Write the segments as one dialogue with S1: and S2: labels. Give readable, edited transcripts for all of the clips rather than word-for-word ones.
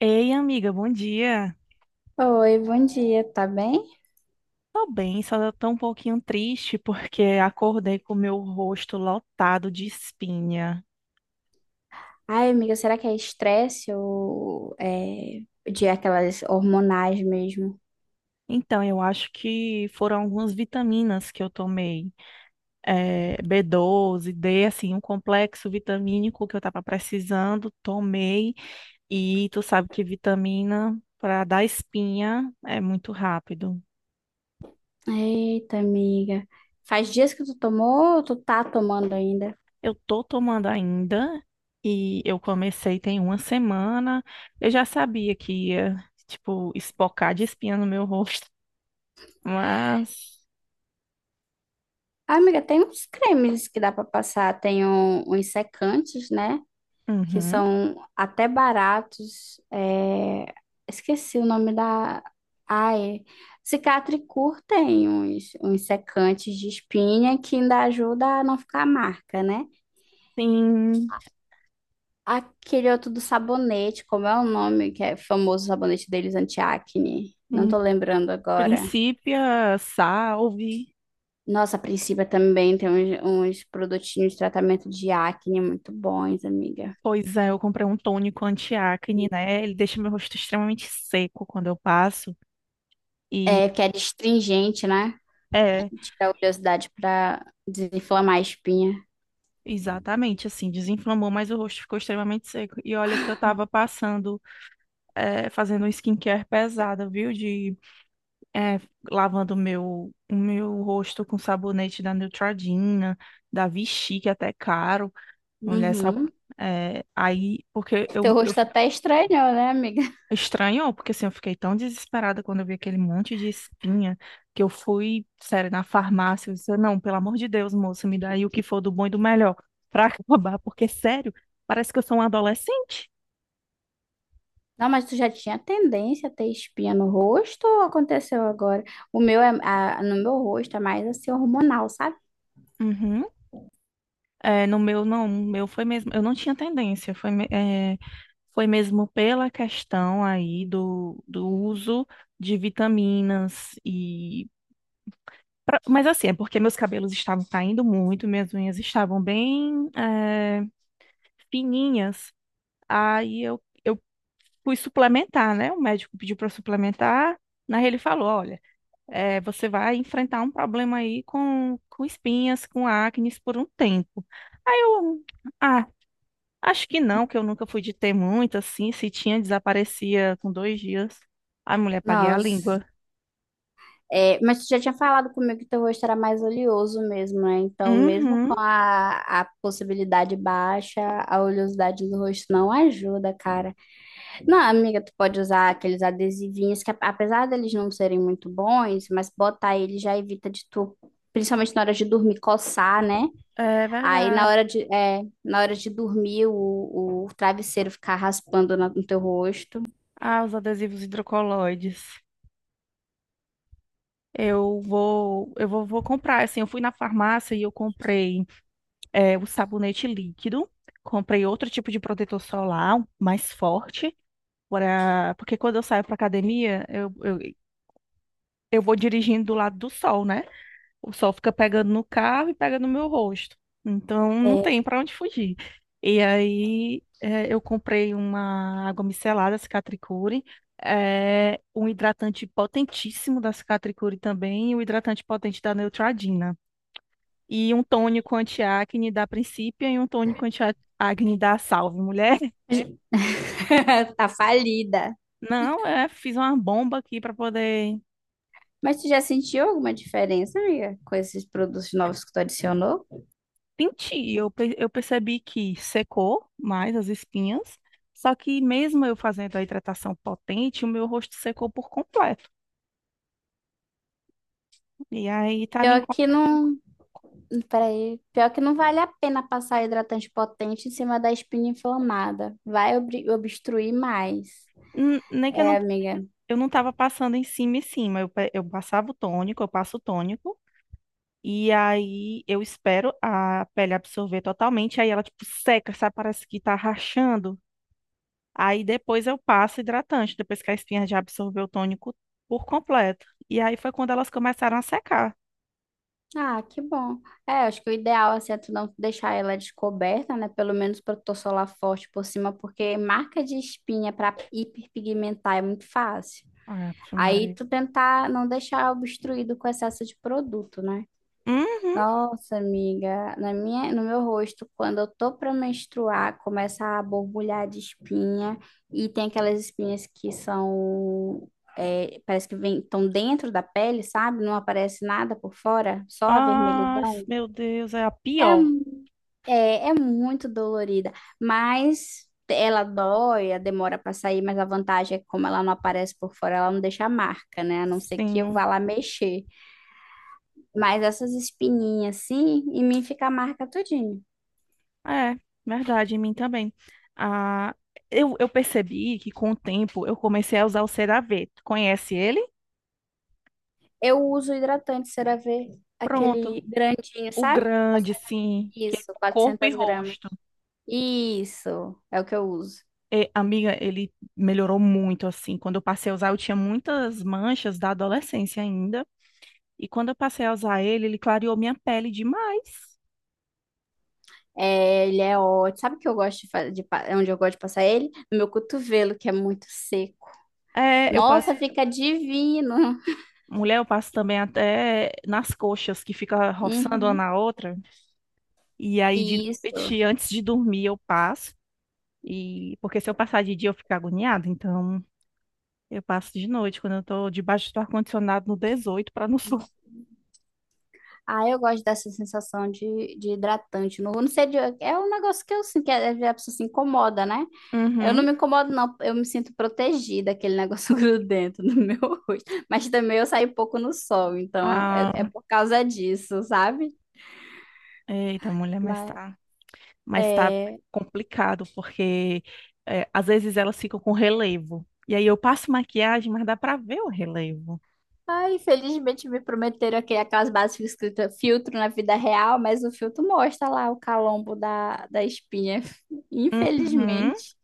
S1: Ei, amiga, bom dia.
S2: Oi, bom dia, tá bem?
S1: Tô bem, só tô um pouquinho triste porque acordei com o meu rosto lotado de espinha.
S2: Ai, amiga, será que é estresse ou é de aquelas hormonais mesmo?
S1: Então, eu acho que foram algumas vitaminas que eu tomei, B12, D, assim, um complexo vitamínico que eu tava precisando, tomei. E tu sabe que vitamina para dar espinha é muito rápido.
S2: Eita, amiga. Faz dias que tu tomou ou tu tá tomando ainda?
S1: Eu tô tomando ainda e eu comecei tem uma semana. Eu já sabia que ia, tipo, espocar de espinha no meu rosto, mas
S2: Ah, amiga, tem uns cremes que dá pra passar, tem uns secantes, né? Que
S1: uhum.
S2: são até baratos. Esqueci o nome da. Ai, Cicatricur tem uns secantes de espinha que ainda ajuda a não ficar marca, né?
S1: Sim,
S2: Aquele outro do sabonete, como é o nome que é famoso o sabonete deles anti-acne? Não
S1: em
S2: tô lembrando agora.
S1: princípio, salve.
S2: Nossa, a Principia também tem uns produtinhos de tratamento de acne muito bons, amiga.
S1: Pois é, eu comprei um tônico anti-acne, né? Ele deixa meu rosto extremamente seco quando eu passo e
S2: É, que é astringente, né?
S1: é,
S2: Tira a oleosidade pra desinflamar a espinha.
S1: exatamente assim, desinflamou, mas o rosto ficou extremamente seco. E olha que eu tava passando, fazendo um skincare pesada, viu? É, lavando o meu rosto com sabonete da Neutrogena, da Vichy, que é até caro. Mulher, sabe?
S2: Uhum.
S1: É, aí, porque eu,
S2: Teu
S1: eu
S2: rosto
S1: fico-
S2: até estranhou, né, amiga?
S1: estranho, porque assim, eu fiquei tão desesperada quando eu vi aquele monte de espinha que eu fui, sério, na farmácia, eu disse, não, pelo amor de Deus, moça, me dá aí o que for do bom e do melhor pra acabar, porque sério, parece que eu sou um adolescente.
S2: Não, mas tu já tinha tendência a ter espinha no rosto ou aconteceu agora? O meu no meu rosto é mais assim hormonal, sabe?
S1: Uhum. É, no meu, não, no meu foi mesmo, eu não tinha tendência, foi, foi mesmo pela questão aí do uso de vitaminas e... pra- mas assim, é porque meus cabelos estavam caindo muito, minhas unhas estavam bem, fininhas, aí eu fui suplementar, né? O médico pediu para suplementar, na ele falou, olha, você vai enfrentar um problema aí com espinhas, com acnes por um tempo. Aí eu... Ah, acho que não, que eu nunca fui de ter muito, assim. Se tinha, desaparecia com 2 dias. Ai, mulher, paguei a
S2: Nossa.
S1: língua.
S2: É, mas tu já tinha falado comigo que teu rosto era mais oleoso mesmo, né? Então, mesmo
S1: Uhum,
S2: com a possibilidade baixa, a oleosidade do rosto não ajuda, cara. Não, amiga, tu pode usar aqueles adesivinhos que, apesar deles não serem muito bons, mas botar ele já evita de tu, principalmente na hora de dormir, coçar, né?
S1: é
S2: Aí na
S1: verdade.
S2: hora de, na hora de dormir, o travesseiro ficar raspando no teu rosto.
S1: Ah, os adesivos hidrocoloides. Eu vou comprar, assim, eu fui na farmácia e eu comprei o sabonete líquido, comprei outro tipo de protetor solar, um mais forte, pra, porque quando eu saio para academia, eu vou dirigindo do lado do sol, né? O sol fica pegando no carro e pega no meu rosto. Então não tem
S2: É.
S1: para onde fugir. E aí eu comprei uma água micelada, Cicatricure, um hidratante potentíssimo da Cicatricure também, e um hidratante potente da Neutrogena. E um tônico anti-acne da Principia e um tônico anti-acne da Salve, mulher.
S2: Tá falida.
S1: Não, é, fiz uma bomba aqui para poder
S2: Mas tu já sentiu alguma diferença, amiga, com esses produtos novos que tu adicionou?
S1: senti, eu percebi que secou mais as espinhas, só que mesmo eu fazendo a hidratação potente, o meu rosto secou por completo. E aí tá me
S2: Pior
S1: incom-
S2: que não, Peraí, pior que não vale a pena passar hidratante potente em cima da espinha inflamada. Vai obstruir mais.
S1: N- nem que
S2: É, amiga.
S1: eu não tava passando em cima e cima, eu passava o tônico, eu passo o tônico e aí eu espero a pele absorver totalmente, aí ela tipo seca, sabe, parece que tá rachando. Aí depois eu passo hidratante, depois que a espinha já absorveu o tônico por completo. E aí foi quando elas começaram a secar.
S2: Ah, que bom. É, acho que o ideal assim, é tu não deixar ela descoberta, né? Pelo menos protetor solar forte por cima, porque marca de espinha para hiperpigmentar é muito fácil.
S1: Ave
S2: Aí
S1: Maria.
S2: tu tentar não deixar obstruído com excesso de produto, né?
S1: Uhum.
S2: Nossa, amiga, na minha, no meu rosto, quando eu tô pra menstruar, começa a borbulhar de espinha e tem aquelas espinhas que são, é, parece que vem, estão dentro da pele, sabe? Não aparece nada por fora, só a
S1: Ai,
S2: vermelhidão.
S1: meu Deus, é a
S2: É,
S1: pior.
S2: mu- é, é muito dolorida, mas ela dói, ela demora pra sair, mas a vantagem é que como ela não aparece por fora, ela não deixa marca, né? A não ser que eu
S1: Sim,
S2: vá lá mexer. Mas essas espinhas assim, em mim fica a marca tudinho.
S1: é verdade, em mim também. Ah, eu percebi que com o tempo eu comecei a usar o CeraVe. Tu conhece ele?
S2: Eu uso hidratante CeraVe, aquele
S1: Pronto.
S2: grandinho,
S1: O
S2: sabe?
S1: grande,
S2: 400.
S1: sim, que é
S2: Isso,
S1: corpo e
S2: 400 gramas.
S1: rosto.
S2: Isso, é o que eu uso.
S1: E, amiga, ele melhorou muito, assim. Quando eu passei a usar, eu tinha muitas manchas da adolescência ainda. E quando eu passei a usar ele, ele clareou minha pele demais.
S2: É, ele é ótimo. Sabe o que eu gosto de fazer, onde eu gosto de passar ele? No meu cotovelo, que é muito seco.
S1: É, eu passei.
S2: Nossa, fica divino.
S1: Mulher, eu passo também até nas coxas, que fica roçando uma
S2: Uhum.
S1: na outra. E aí, de
S2: Isso.
S1: noite, antes de dormir, eu passo. E porque se eu passar de dia, eu fico agoniada. Então, eu passo de noite, quando eu tô debaixo do ar-condicionado no 18 para não sul.
S2: Ah, eu gosto dessa sensação de hidratante. Não, não sei, é um negócio que eu sinto, que às vezes a pessoa se incomoda, né? Eu não
S1: Uhum.
S2: me incomodo, não. Eu me sinto protegida, aquele negócio grudento no meu rosto. Mas também eu saio pouco no sol, então é, é
S1: Ah,
S2: por causa disso, sabe?
S1: eita, mulher,
S2: Mas,
S1: mas tá
S2: é...
S1: complicado, porque é, às vezes elas ficam com relevo. E aí eu passo maquiagem, mas dá pra ver o relevo.
S2: Ah, infelizmente me prometeram aqui aquelas bases que ficam escritas filtro na vida real, mas o filtro mostra lá o calombo da espinha.
S1: Uhum.
S2: Infelizmente.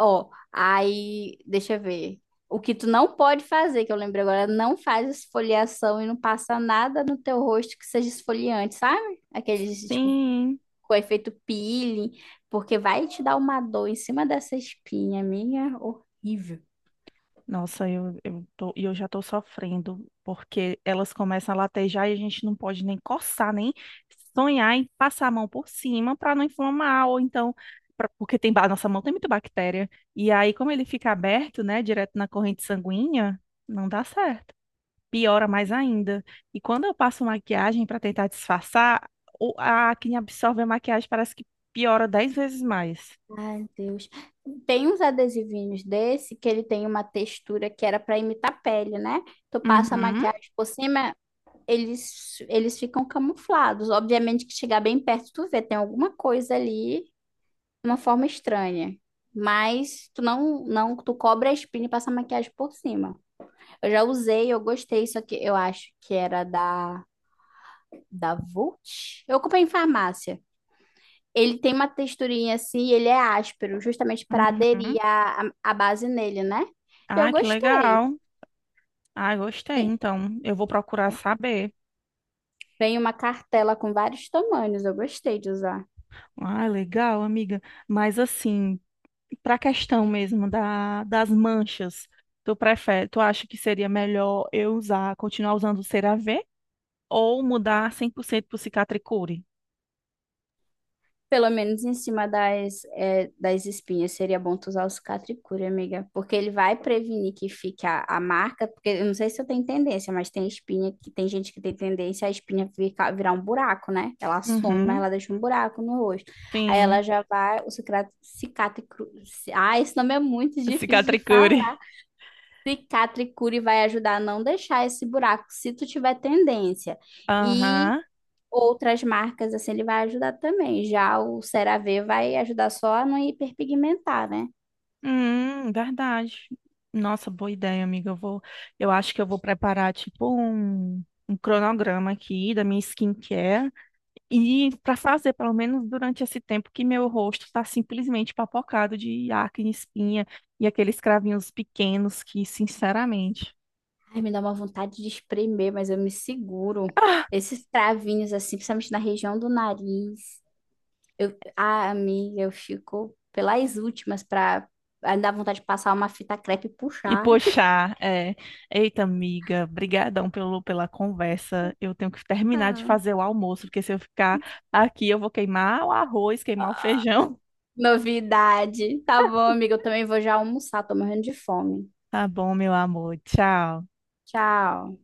S2: Ó, aí, deixa eu ver. O que tu não pode fazer, que eu lembrei agora, não faz esfoliação e não passa nada no teu rosto que seja esfoliante, sabe? Aqueles, tipo,
S1: Sim.
S2: com efeito peeling, porque vai te dar uma dor em cima dessa espinha, minha, horrível.
S1: Nossa, eu tô, e eu já tô sofrendo, porque elas começam a latejar e a gente não pode nem coçar, nem sonhar em passar a mão por cima para não inflamar, ou então, pra- porque tem, ba- nossa mão tem muita bactéria. E aí, como ele fica aberto, né, direto na corrente sanguínea, não dá certo. Piora mais ainda. E quando eu passo maquiagem para tentar disfarçar, o- a acne absorve a maquiagem, parece que piora 10 vezes mais.
S2: Ai, Deus. Tem uns adesivinhos desse que ele tem uma textura que era para imitar pele, né? Tu passa a
S1: Uhum,
S2: maquiagem por cima, eles ficam camuflados. Obviamente que chegar bem perto, tu vê, tem alguma coisa ali de uma forma estranha. Mas tu não, não, tu cobre a espinha e passa a maquiagem por cima. Eu já usei, eu gostei, só que eu acho que era da Vult. Eu comprei em farmácia. Ele tem uma texturinha assim, e ele é áspero, justamente para aderir
S1: uhum.
S2: a base nele, né? Eu
S1: Ah, que
S2: gostei.
S1: legal. Ah, gostei.
S2: Tem,
S1: Então, eu vou procurar saber.
S2: tem uma cartela com vários tamanhos, eu gostei de usar.
S1: Ah, legal, amiga. Mas assim, para a questão mesmo da, das manchas, tu prefere, tu acha que seria melhor eu usar, continuar usando o CeraVe ou mudar 100% pro Cicatricure?
S2: Pelo menos em cima das, é, das espinhas, seria bom tu usar o Cicatricure, amiga. Porque ele vai prevenir que fique a marca, porque eu não sei se eu tenho tendência, mas tem espinha, que tem gente que tem tendência a espinha ficar, virar um buraco, né? Ela some, mas
S1: Uhum.
S2: ela deixa um buraco no rosto. Aí ela
S1: Sim,
S2: já vai, o cicatricure... Ah, esse nome é muito difícil de
S1: Cicatricure.
S2: falar. Cicatricure vai ajudar a não deixar esse buraco, se tu tiver tendência. E
S1: Aham.
S2: outras marcas, assim, ele vai ajudar também. Já o CeraVe vai ajudar só a não hiperpigmentar, né?
S1: Verdade. Nossa, boa ideia, amiga. Eu vou, eu acho que eu vou preparar tipo um cronograma aqui da minha skincare e para fazer, pelo menos durante esse tempo que meu rosto está simplesmente papocado de acne, espinha e aqueles cravinhos pequenos que, sinceramente.
S2: Ai, me dá uma vontade de espremer, mas eu me seguro. Esses cravinhos, assim, principalmente na região do nariz. Eu, ah, amiga, eu fico pelas últimas pra ah, dar vontade de passar uma fita crepe e
S1: E
S2: puxar.
S1: poxa, é, eita amiga, brigadão pela conversa. Eu tenho que terminar de
S2: Ah,
S1: fazer o almoço, porque se eu ficar aqui eu vou queimar o arroz, queimar o feijão.
S2: novidade. Tá bom, amiga, eu também vou já almoçar, tô morrendo de fome.
S1: Tá bom, meu amor. Tchau.
S2: Tchau.